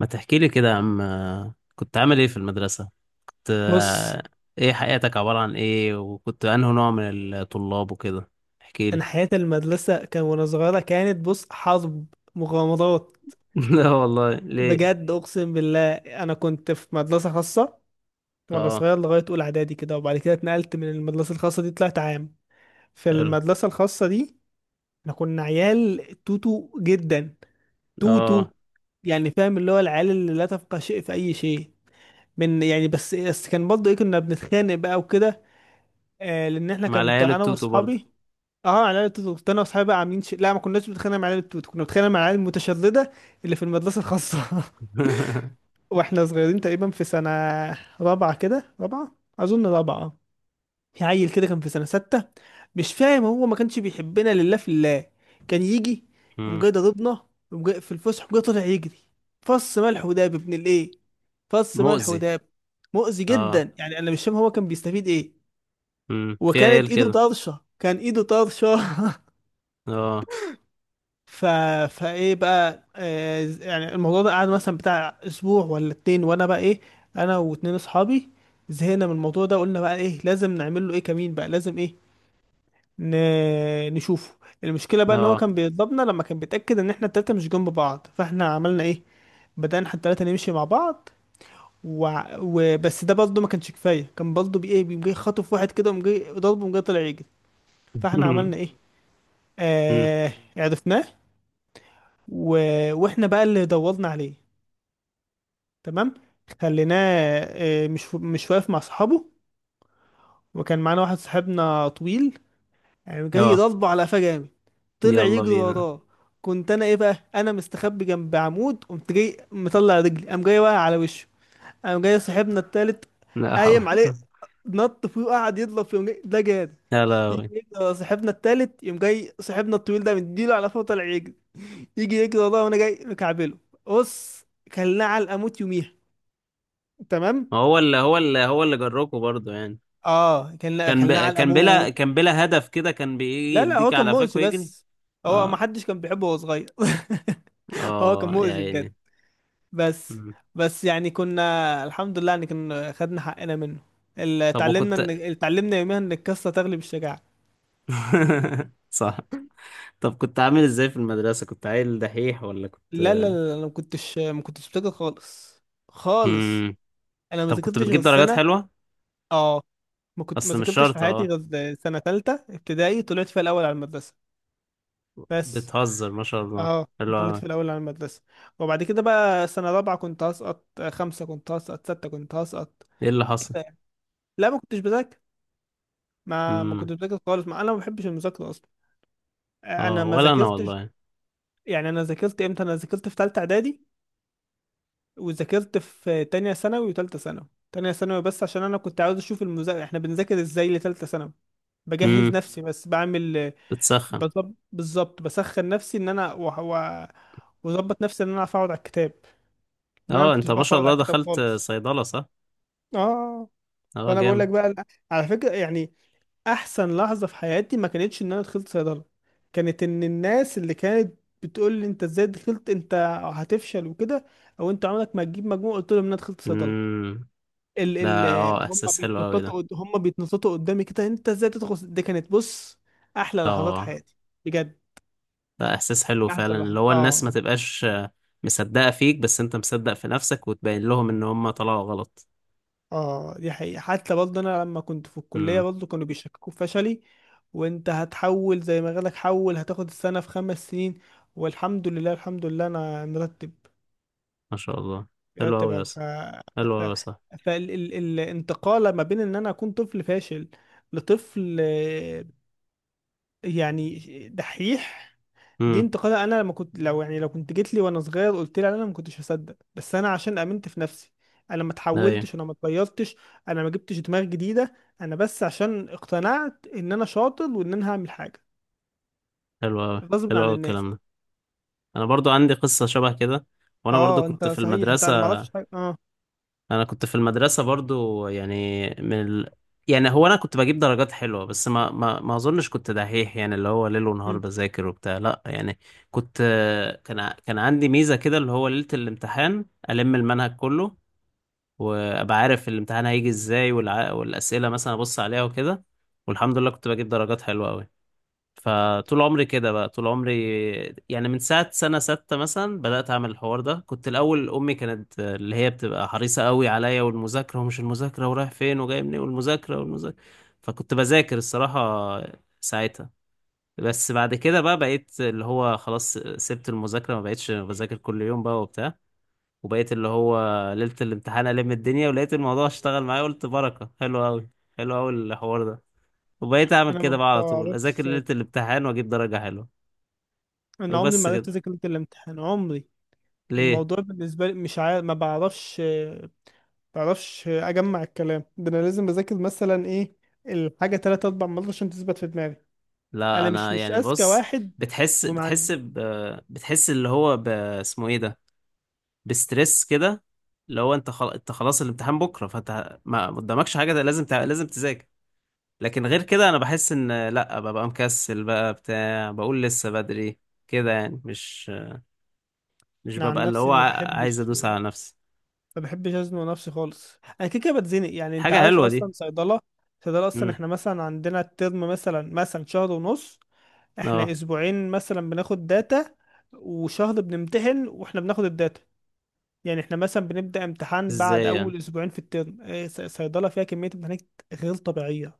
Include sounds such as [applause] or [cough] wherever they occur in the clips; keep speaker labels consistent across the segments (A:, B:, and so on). A: ما تحكي لي كده يا عم، كنت عامل ايه في المدرسة؟ كنت
B: بص،
A: ايه؟ حياتك عبارة عن ايه؟ وكنت انه نوع من الطلاب وكده؟ احكي لي.
B: انا حياة المدرسة كان وانا صغيرة كانت بص حرب، مغامرات.
A: [laughs] لا والله، ليه؟
B: بجد اقسم بالله، انا كنت في مدرسة خاصة وانا
A: اه.
B: صغير لغاية اولى اعدادي كده، وبعد كده اتنقلت من المدرسة الخاصة دي، طلعت عام. في
A: حلو.
B: المدرسة الخاصة دي احنا كنا عيال توتو جدا، توتو.
A: اه،
B: يعني فاهم اللي هو العيال اللي لا تفقه شيء في اي شيء. من يعني بس كان برضه ايه، كنا بنتخانق بقى وكده. لان احنا،
A: مع
B: كنت
A: العيال
B: انا
A: التوتو برضه؟
B: واصحابي، اه على العيال التوت، كنت انا واصحابي بقى عاملين لا، ما كناش بنتخانق مع العيال التوت، كنا بنتخانق مع العيال المتشردة اللي في المدرسة الخاصة. [laughs]
A: [laughs]
B: واحنا صغيرين تقريبا في سنة رابعة كده، رابعة، اظن رابعة. في عيل كده كان في سنة 6، مش فاهم هو ما كانش بيحبنا لله في الله. كان يجي يقوم
A: مم.
B: جاي ضربنا، يقوم جاي في الفسحة، يقوم جاي طالع يجري، فص ملح وداب ابن الايه، فص ملح
A: مؤذي.
B: وداب. مؤذي
A: اه.
B: جدا، يعني انا مش فاهم هو كان بيستفيد ايه.
A: مم. في
B: وكانت
A: عيال
B: ايده
A: كده.
B: طرشة، كان ايده طرشة. [laughs]
A: اه.
B: ف... فايه بقى يعني الموضوع ده قعد مثلا بتاع اسبوع ولا اتنين، وانا بقى ايه، انا واتنين اصحابي زهقنا من الموضوع ده. قلنا بقى ايه، لازم نعمل له ايه، كمين بقى لازم ايه، ن... نشوفه. المشكله بقى ان هو
A: اه.
B: كان بيضربنا لما كان بيتاكد ان احنا التلاته مش جنب بعض، فاحنا عملنا ايه، بدانا احنا التلاته نمشي مع بعض. وبس ده برضه ما كانش كفايه، كان برضه بايه، بيقوم جاي خاطف واحد كده، وقوم جاي ضربه، وقوم جاي طلع يجري.
A: [laughs]
B: فاحنا عملنا ايه،
A: مم.
B: عرفناه. و... واحنا بقى اللي دورنا عليه، تمام، خليناه مش واقف مع صحابه. وكان معانا واحد صاحبنا طويل، يعني جاي
A: اه.
B: يضربه على قفاه جامد، طلع
A: يلا
B: يجري
A: بينا.
B: وراه. كنت انا ايه بقى، انا مستخبي جنب عمود، قمت جاي مطلع رجلي، قام جاي واقع على وشه. قام جاي صاحبنا التالت
A: لا حول.
B: قايم عليه،
A: [laughs]
B: نط فيه وقعد يضرب فيه. ده جاد،
A: لا
B: يجي
A: لا.
B: يجري ورا صاحبنا التالت، يقوم جاي صاحبنا الطويل ده مديله على فوق طالع يجري، يجي يجري وراه وانا جاي مكعبله. بص، كلناه على الاموت يوميها، تمام.
A: هو اللي جروكوا برضه يعني؟
B: اه، كان كان علقه موت.
A: كان بلا هدف كده؟ كان بيجي
B: لا لا،
A: يديك
B: هو كان
A: على قفاك
B: مؤذي
A: ويجري؟
B: بس، هو ما
A: اه.
B: حدش كان بيحبه وهو صغير. [laughs] هو كان
A: اه يا
B: مؤذي بجد
A: عيني.
B: بس.
A: مم.
B: بس يعني كنا الحمد لله ان كنا خدنا حقنا منه.
A: طب،
B: اتعلمنا ان
A: وكنت؟
B: اتعلمنا يوميها ان القصه تغلب الشجاعه.
A: [laughs] صح. طب كنت عامل ازاي في المدرسة؟ كنت عيل دحيح ولا كنت؟
B: لا لا لا
A: [laughs]
B: لا، انا ما كنتش بذاكر خالص، خالص.
A: مم.
B: انا ما
A: طب كنت
B: ذاكرتش غير
A: بتجيب درجات
B: السنه.
A: حلوة؟
B: اه، ما كنت ما
A: اصل مش
B: ذاكرتش في
A: شرط،
B: حياتي
A: اه.
B: غير سنه ثالثه ابتدائي، طلعت فيها الاول على المدرسه بس.
A: بتهزر، ما شاء الله.
B: اه
A: حلو
B: ضليت في
A: أوي.
B: الاول على المدرسه. وبعد كده بقى سنه رابعه كنت هسقط، خمسه كنت هسقط، سته كنت هسقط.
A: ايه اللي حصل؟
B: لا ما كنتش بذاكر، ما
A: مم.
B: كنتش بذاكر خالص، ما انا ما بحبش المذاكره اصلا. انا
A: اه
B: ما
A: ولا انا
B: ذاكرتش.
A: والله.
B: يعني انا ذاكرت امتى؟ انا ذاكرت في ثالثه اعدادي، وذاكرت في تانية ثانوي وثالثه ثانوي. تانية ثانوي بس عشان انا كنت عاوز اشوف المذاكره احنا بنذاكر ازاي لثالثه ثانوي، بجهز
A: مم.
B: نفسي بس، بعمل
A: بتسخن.
B: بالظبط، بسخن نفسي ان انا واظبط نفسي ان انا اعرف اقعد على الكتاب، لان انا ما
A: اه، انت
B: كنتش
A: ما
B: بعرف
A: شاء
B: اقعد على
A: الله
B: الكتاب
A: دخلت
B: خالص.
A: صيدلة، صح؟
B: اه.
A: اه،
B: فانا بقول لك
A: جامد.
B: بقى لا، على فكره، يعني احسن لحظه في حياتي ما كانتش ان انا دخلت صيدله، كانت ان الناس اللي كانت بتقول لي انت ازاي دخلت انت، هتفشل وكده، او انت عمرك ما هتجيب مجموع، قلت لهم ان انا دخلت صيدله.
A: مم.
B: ال
A: ده،
B: ال
A: اه، احساس حلو قوي ده.
B: هم بيتنططوا قدامي كده، انت ازاي تدخل صيد-" دي كانت بص، احلى لحظات
A: اه،
B: حياتي بجد.
A: ده احساس حلو
B: كانت احسن
A: فعلا
B: لحظه،
A: اللي هو الناس ما
B: اه.
A: تبقاش مصدقة فيك، بس انت مصدق في نفسك وتبين لهم ان هم طلعوا غلط.
B: اه دي حقيقة، حتى برضه انا لما كنت في الكلية
A: امم.
B: برضه كانوا بيشككوا في فشلي، وانت هتحول زي ما قالك، حول، هتاخد السنة في 5 سنين. والحمد لله الحمد لله انا مرتب،
A: ما شاء الله. حلو
B: مرتب
A: قوي يا
B: أوي.
A: اسطى. حلو
B: ف...
A: قوي يا صاحبي.
B: فالانتقال ما بين ان انا اكون طفل فاشل، لطفل يعني دحيح، دي
A: امم.
B: انتقادة. انا لما كنت، لو يعني لو كنت جيت لي وانا صغير قلت لي، انا ما كنتش هصدق. بس انا عشان امنت في نفسي، انا ما
A: ايوه.
B: اتحولتش، انا ما اتغيرتش، انا ما جبتش دماغ جديدة، انا بس عشان اقتنعت ان انا شاطر وان انا هعمل حاجة
A: حلو قوي.
B: غصب
A: حلو
B: عن
A: قوي
B: الناس.
A: الكلام ده. انا برضو عندي قصة شبه كده. وانا برضو
B: اه، انت
A: كنت في
B: صحيح، انت
A: المدرسة.
B: انا ما اعرفش حاجة. اه.
A: انا كنت في المدرسه برضو، يعني يعني هو انا كنت بجيب درجات حلوه، بس ما اظنش كنت دحيح يعني، اللي هو ليل ونهار
B: مم.
A: بذاكر وبتاع، لا يعني. كنت، كان عندي ميزه كده اللي هو ليله الامتحان المنهج كله، وابقى عارف الامتحان هيجي ازاي والاسئله مثلا ابص عليها وكده، والحمد لله كنت بجيب درجات حلوه قوي. فطول عمري كده بقى، طول عمري يعني من ساعة سنة ستة مثلا بدأت أعمل الحوار ده. كنت الأول أمي كانت اللي هي بتبقى حريصة قوي عليا، والمذاكرة ومش المذاكرة، ورايح فين وجاي منين، والمذاكرة والمذاكرة، فكنت بذاكر الصراحة ساعتها. بس بعد كده بقى بقيت اللي هو خلاص، سبت المذاكرة، ما بقيتش بذاكر كل يوم بقى وبتاع، وبقيت اللي هو ليلة الامتحان ألم الدنيا، ولقيت الموضوع اشتغل معايا، قلت بركة، حلو أوي. حلو أوي الحوار ده. وبقيت أعمل
B: انا
A: كده
B: ما
A: بقى على طول، أذاكر
B: بعرفش،
A: ليلة الامتحان وأجيب درجة حلوة.
B: انا عمري
A: وبس
B: ما
A: كده.
B: عرفت اذاكر ليلة الامتحان، عمري.
A: ليه؟
B: الموضوع بالنسبة لي مش عارف، ما بعرفش، متعرفش اجمع الكلام ده. انا لازم اذاكر مثلا ايه الحاجه تلات اربع مرات عشان تثبت في دماغي.
A: لا
B: انا مش
A: انا
B: مش
A: يعني
B: اذكى
A: بص،
B: واحد.
A: بتحس
B: ومع،
A: بتحس بتحس اللي هو اسمه ايه ده، بستريس كده، اللي هو انت انت خلاص الامتحان بكره، فانت ما قدامكش حاجه ده، لازم لازم تذاكر. لكن غير كده انا بحس ان لا، ببقى مكسل بقى بتاع بقول لسه بدري كده يعني، مش
B: أنا عن
A: ببقى اللي
B: نفسي
A: هو عايز ادوس على نفسي.
B: ما بحبش ازنق نفسي خالص، انا كده كده بتزنق، يعني انت
A: حاجه
B: عارف
A: حلوه دي.
B: اصلا صيدله. صيدله اصلا
A: امم.
B: احنا مثلا عندنا الترم مثلا شهر ونص، احنا
A: اه.
B: اسبوعين مثلا بناخد داتا، وشهر بنمتحن واحنا بناخد الداتا. يعني احنا مثلا بنبدأ امتحان بعد
A: ازاي يعني؟
B: اول اسبوعين في الترم. إيه، صيدلة فيها كمية امتحانات غير طبيعية،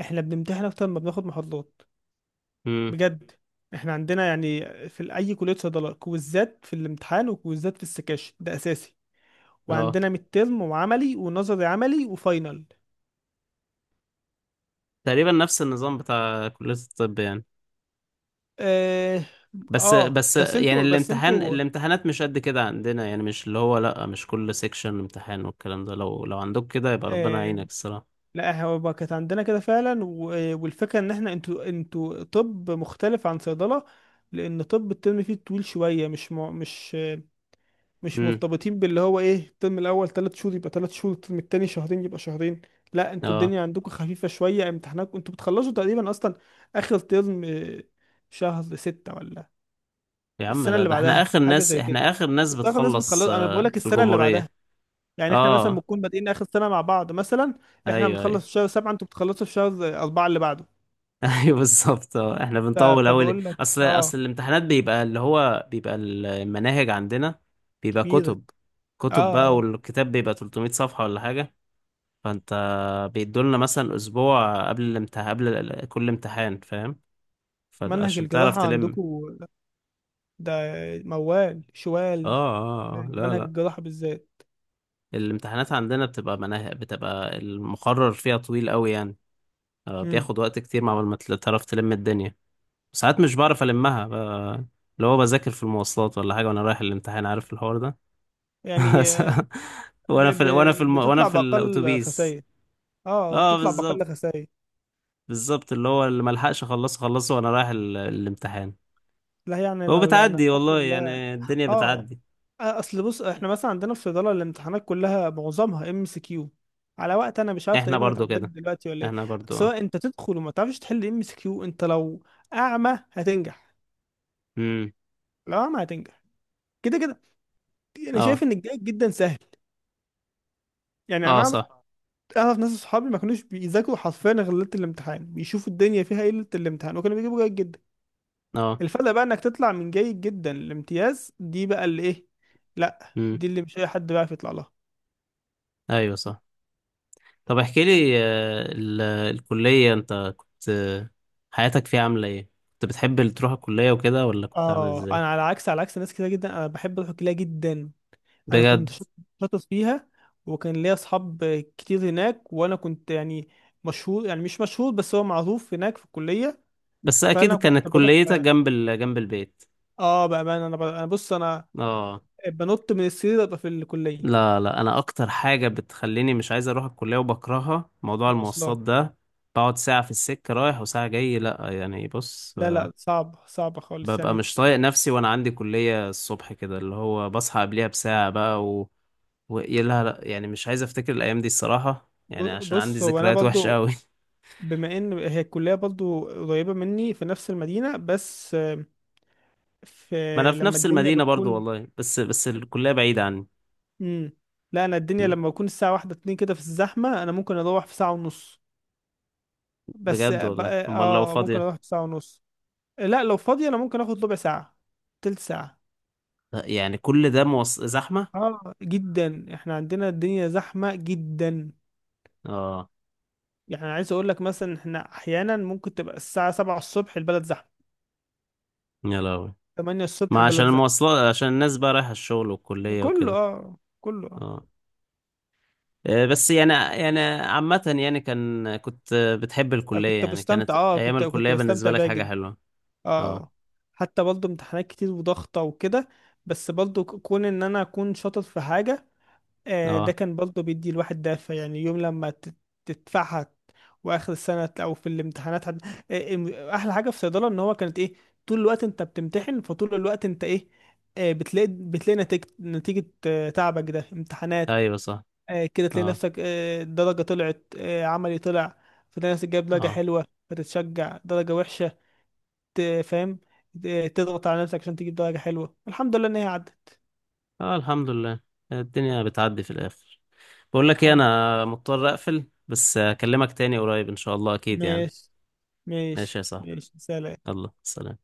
B: احنا بنمتحن اكتر ما بناخد محاضرات.
A: امم.
B: بجد. احنا عندنا يعني في اي كليه صيدله كويزات في الامتحان، وكويزات في السكاشن ده اساسي.
A: اه،
B: وعندنا ميد ترم، وعملي ونظري، عملي وفاينل.
A: تقريبا نفس النظام بتاع كليه الطب يعني.
B: اه.
A: بس، بس
B: بس
A: يعني
B: انتوا بس انتوا
A: الامتحانات مش قد كده عندنا يعني، مش اللي هو، لأ مش كل سيكشن امتحان والكلام ده. لو، عندك كده يبقى ربنا
B: آه
A: يعينك الصراحة.
B: لا هو كانت عندنا كده فعلا، والفكره ان احنا، انتوا، انتوا طب مختلف عن صيدله، لان طب الترم فيه طويل شويه، مش مش
A: امم.
B: مرتبطين باللي هو ايه، الترم الاول 3 شهور يبقى 3 شهور، الترم التاني شهرين يبقى شهرين. لا انتوا
A: اه.
B: الدنيا عندكم خفيفه شويه، امتحاناتكم انتوا بتخلصوا تقريبا اصلا اخر ترم شهر 6 ولا
A: يا عم
B: السنه
A: لا،
B: اللي
A: ده
B: بعدها،
A: احنا آخر
B: حاجه
A: ناس،
B: زي كده.
A: احنا آخر ناس
B: اغلب الناس
A: بتخلص
B: بتخلص، انا بقول لك
A: في
B: السنه اللي بعدها،
A: الجمهورية.
B: يعني احنا مثلا
A: اه.
B: بنكون بادئين اخر سنه مع بعض مثلا. احنا
A: ايوه، ايوه.
B: بنخلص في شهر 7، انتوا بتخلصوا في شهر 4 اللي بعده.
A: [laughs] ايوه بالظبط. اه، احنا
B: ف...
A: بنطول أوي،
B: فبقول لك
A: اصل،
B: اه،
A: الامتحانات بيبقى اللي هو بيبقى المناهج عندنا بيبقى
B: كبيره.
A: كتب، كتب بقى،
B: اه
A: والكتاب بيبقى 300 صفحة ولا حاجة، فانت بيدولنا مثلا اسبوع قبل الامتحان، كل امتحان، فاهم؟
B: منهج
A: فعشان تعرف
B: الجراحه عندكم
A: تلم.
B: ده موال
A: اه.
B: شوال،
A: اه. لا
B: منهج
A: لا،
B: الجراحة بالذات.
A: الامتحانات عندنا بتبقى مناهج، بتبقى المقرر فيها طويل قوي يعني. آه،
B: امم.
A: بياخد وقت كتير مع ما تعرف تلم الدنيا. ساعات مش بعرف المها اللي هو بذاكر في المواصلات ولا حاجه وانا رايح الامتحان، عارف الحوار ده؟
B: يعني
A: [laughs]
B: ب...
A: وانا في،
B: ب...
A: وانا
B: بتطلع
A: في
B: بأقل
A: الاتوبيس.
B: خسائر، اه
A: اه
B: بتطلع بأقل
A: بالظبط،
B: خسائر.
A: بالظبط اللي هو اللي ملحقش اخلصه، خلصه وانا رايح الامتحان.
B: لا يعني
A: هو
B: انا
A: بتعدي
B: الحمد
A: والله،
B: لله.
A: يعني الدنيا
B: اه.
A: بتعدي.
B: اصل بص احنا مثلا عندنا في صيدلة الامتحانات كلها معظمها ام اس كيو، على وقت انا مش عارف
A: احنا
B: تقريبا
A: برضو
B: اتعدلت
A: كده،
B: دلوقتي ولا ايه.
A: احنا برضو، اه.
B: سواء انت تدخل وما تعرفش تحل ام اس كيو، انت لو اعمى هتنجح،
A: امم.
B: لو اعمى هتنجح كده كده. انا شايف
A: اه.
B: ان الجيد جدا سهل، يعني انا
A: اه
B: اعرف،
A: صح.
B: اعرف ناس اصحابي ما كانوش بيذاكروا حرفيا غير ليله الامتحان، بيشوفوا الدنيا فيها ايه ليله الامتحان وكانوا بيجيبوا جيد جدا.
A: اه.
B: الفرق بقى انك تطلع من جيد جدا لامتياز، دي بقى اللي ايه، لا
A: امم.
B: دي اللي مش اي حد بيعرف يطلع لها.
A: ايوه صح. طب احكي لي، الكلية انت كنت حياتك فيها عاملة ايه؟ كنت بتحب اللي تروح الكلية وكده، ولا كنت عامل
B: اه،
A: ازاي؟
B: انا على عكس ناس كتير جدا، انا بحب اروح الكليه جدا. انا
A: بجد؟
B: شاطر فيها، وكان ليا اصحاب كتير هناك، وانا كنت يعني مشهور، يعني مش مشهور بس هو معروف هناك في الكليه،
A: بس اكيد
B: فانا كنت
A: كانت
B: بروح.
A: كليتك
B: اه،
A: جنب جنب البيت.
B: بامانه انا انا بص، انا
A: اه.
B: بنط من السرير ابقى في الكليه.
A: لا لا، انا اكتر حاجة بتخليني مش عايز اروح الكلية وبكرهها موضوع المواصلات
B: مواصلات.
A: ده. بقعد ساعة في السكة رايح وساعة جاي، لا يعني، بص،
B: لا لا صعب، صعب خالص
A: ببقى
B: يعني.
A: مش طايق نفسي وانا عندي كلية الصبح كده، اللي هو بصحى قبلها بساعة بقى يا لا لا، يعني مش عايز افتكر الايام دي الصراحة، يعني عشان عندي
B: بص هو انا
A: ذكريات وحشة
B: برضو،
A: قوي. [laughs]
B: بما ان هي الكليه برضو قريبه مني في نفس المدينه، بس آه، في
A: ما انا في
B: لما
A: نفس
B: الدنيا
A: المدينة برضو
B: بتكون،
A: والله، بس، بس الكلية بعيدة عني.
B: مم، لا انا الدنيا
A: م.
B: لما بكون الساعه واحدة اتنين كده في الزحمه، انا ممكن اروح في ساعه ونص، بس
A: بجد
B: اه
A: والله؟ امال لو
B: ممكن
A: فاضية؟
B: اروح في ساعه ونص. لا لو فاضي انا ممكن اخد ربع ساعه، تلت ساعه.
A: لا، يعني كل ده زحمة.
B: اه جدا، احنا عندنا الدنيا زحمه جدا،
A: اه.
B: يعني عايز اقول لك مثلا، احنا احيانا ممكن تبقى الساعه 7 الصبح البلد زحمه،
A: يا لهوي.
B: 8 الصبح
A: ما عشان
B: البلد زحمة.
A: المواصلات، عشان الناس بقى رايحة الشغل والكلية
B: كله
A: وكده.
B: اه، كله اه.
A: اه. بس يعني، عامة يعني، كنت بتحب
B: أنا
A: الكلية
B: كنت
A: يعني؟ كانت
B: بستمتع، اه،
A: أيام
B: كنت
A: الكلية بالنسبة
B: بستمتع
A: لك
B: بيها
A: حاجة
B: جدا.
A: حلوة؟ اه.
B: اه، حتى برضه امتحانات كتير وضغطة وكده، بس برضه كون ان انا اكون شاطر في حاجة، آه ده
A: اه.
B: كان برضه بيدي الواحد دافع، يعني يوم لما تدفعها، واخر السنة او في الامتحانات. احلى حاجة في صيدلة ان هو كانت ايه، طول الوقت انت بتمتحن، فطول الوقت انت ايه، بتلاقي نتيجة تعبك ده امتحانات.
A: ايوه صح.
B: كده تلاقي
A: اه.
B: نفسك، درجة طلعت، عملي طلع، فتلاقي نفسك جايب درجة
A: اه.
B: حلوة فتتشجع، درجة وحشة، فاهم. تضغط على نفسك عشان تجيب درجة حلوة، الحمد لله إن هي عدت.
A: اه. الحمد لله. الدنيا بتعدي في الاخر. بقول لك ايه،
B: الحمد،
A: انا مضطر اقفل بس، اكلمك تاني قريب ان شاء الله اكيد يعني.
B: ماشي،
A: ماشي
B: ماشي
A: يا صاحبي.
B: ماشي سلام.
A: يلا سلام.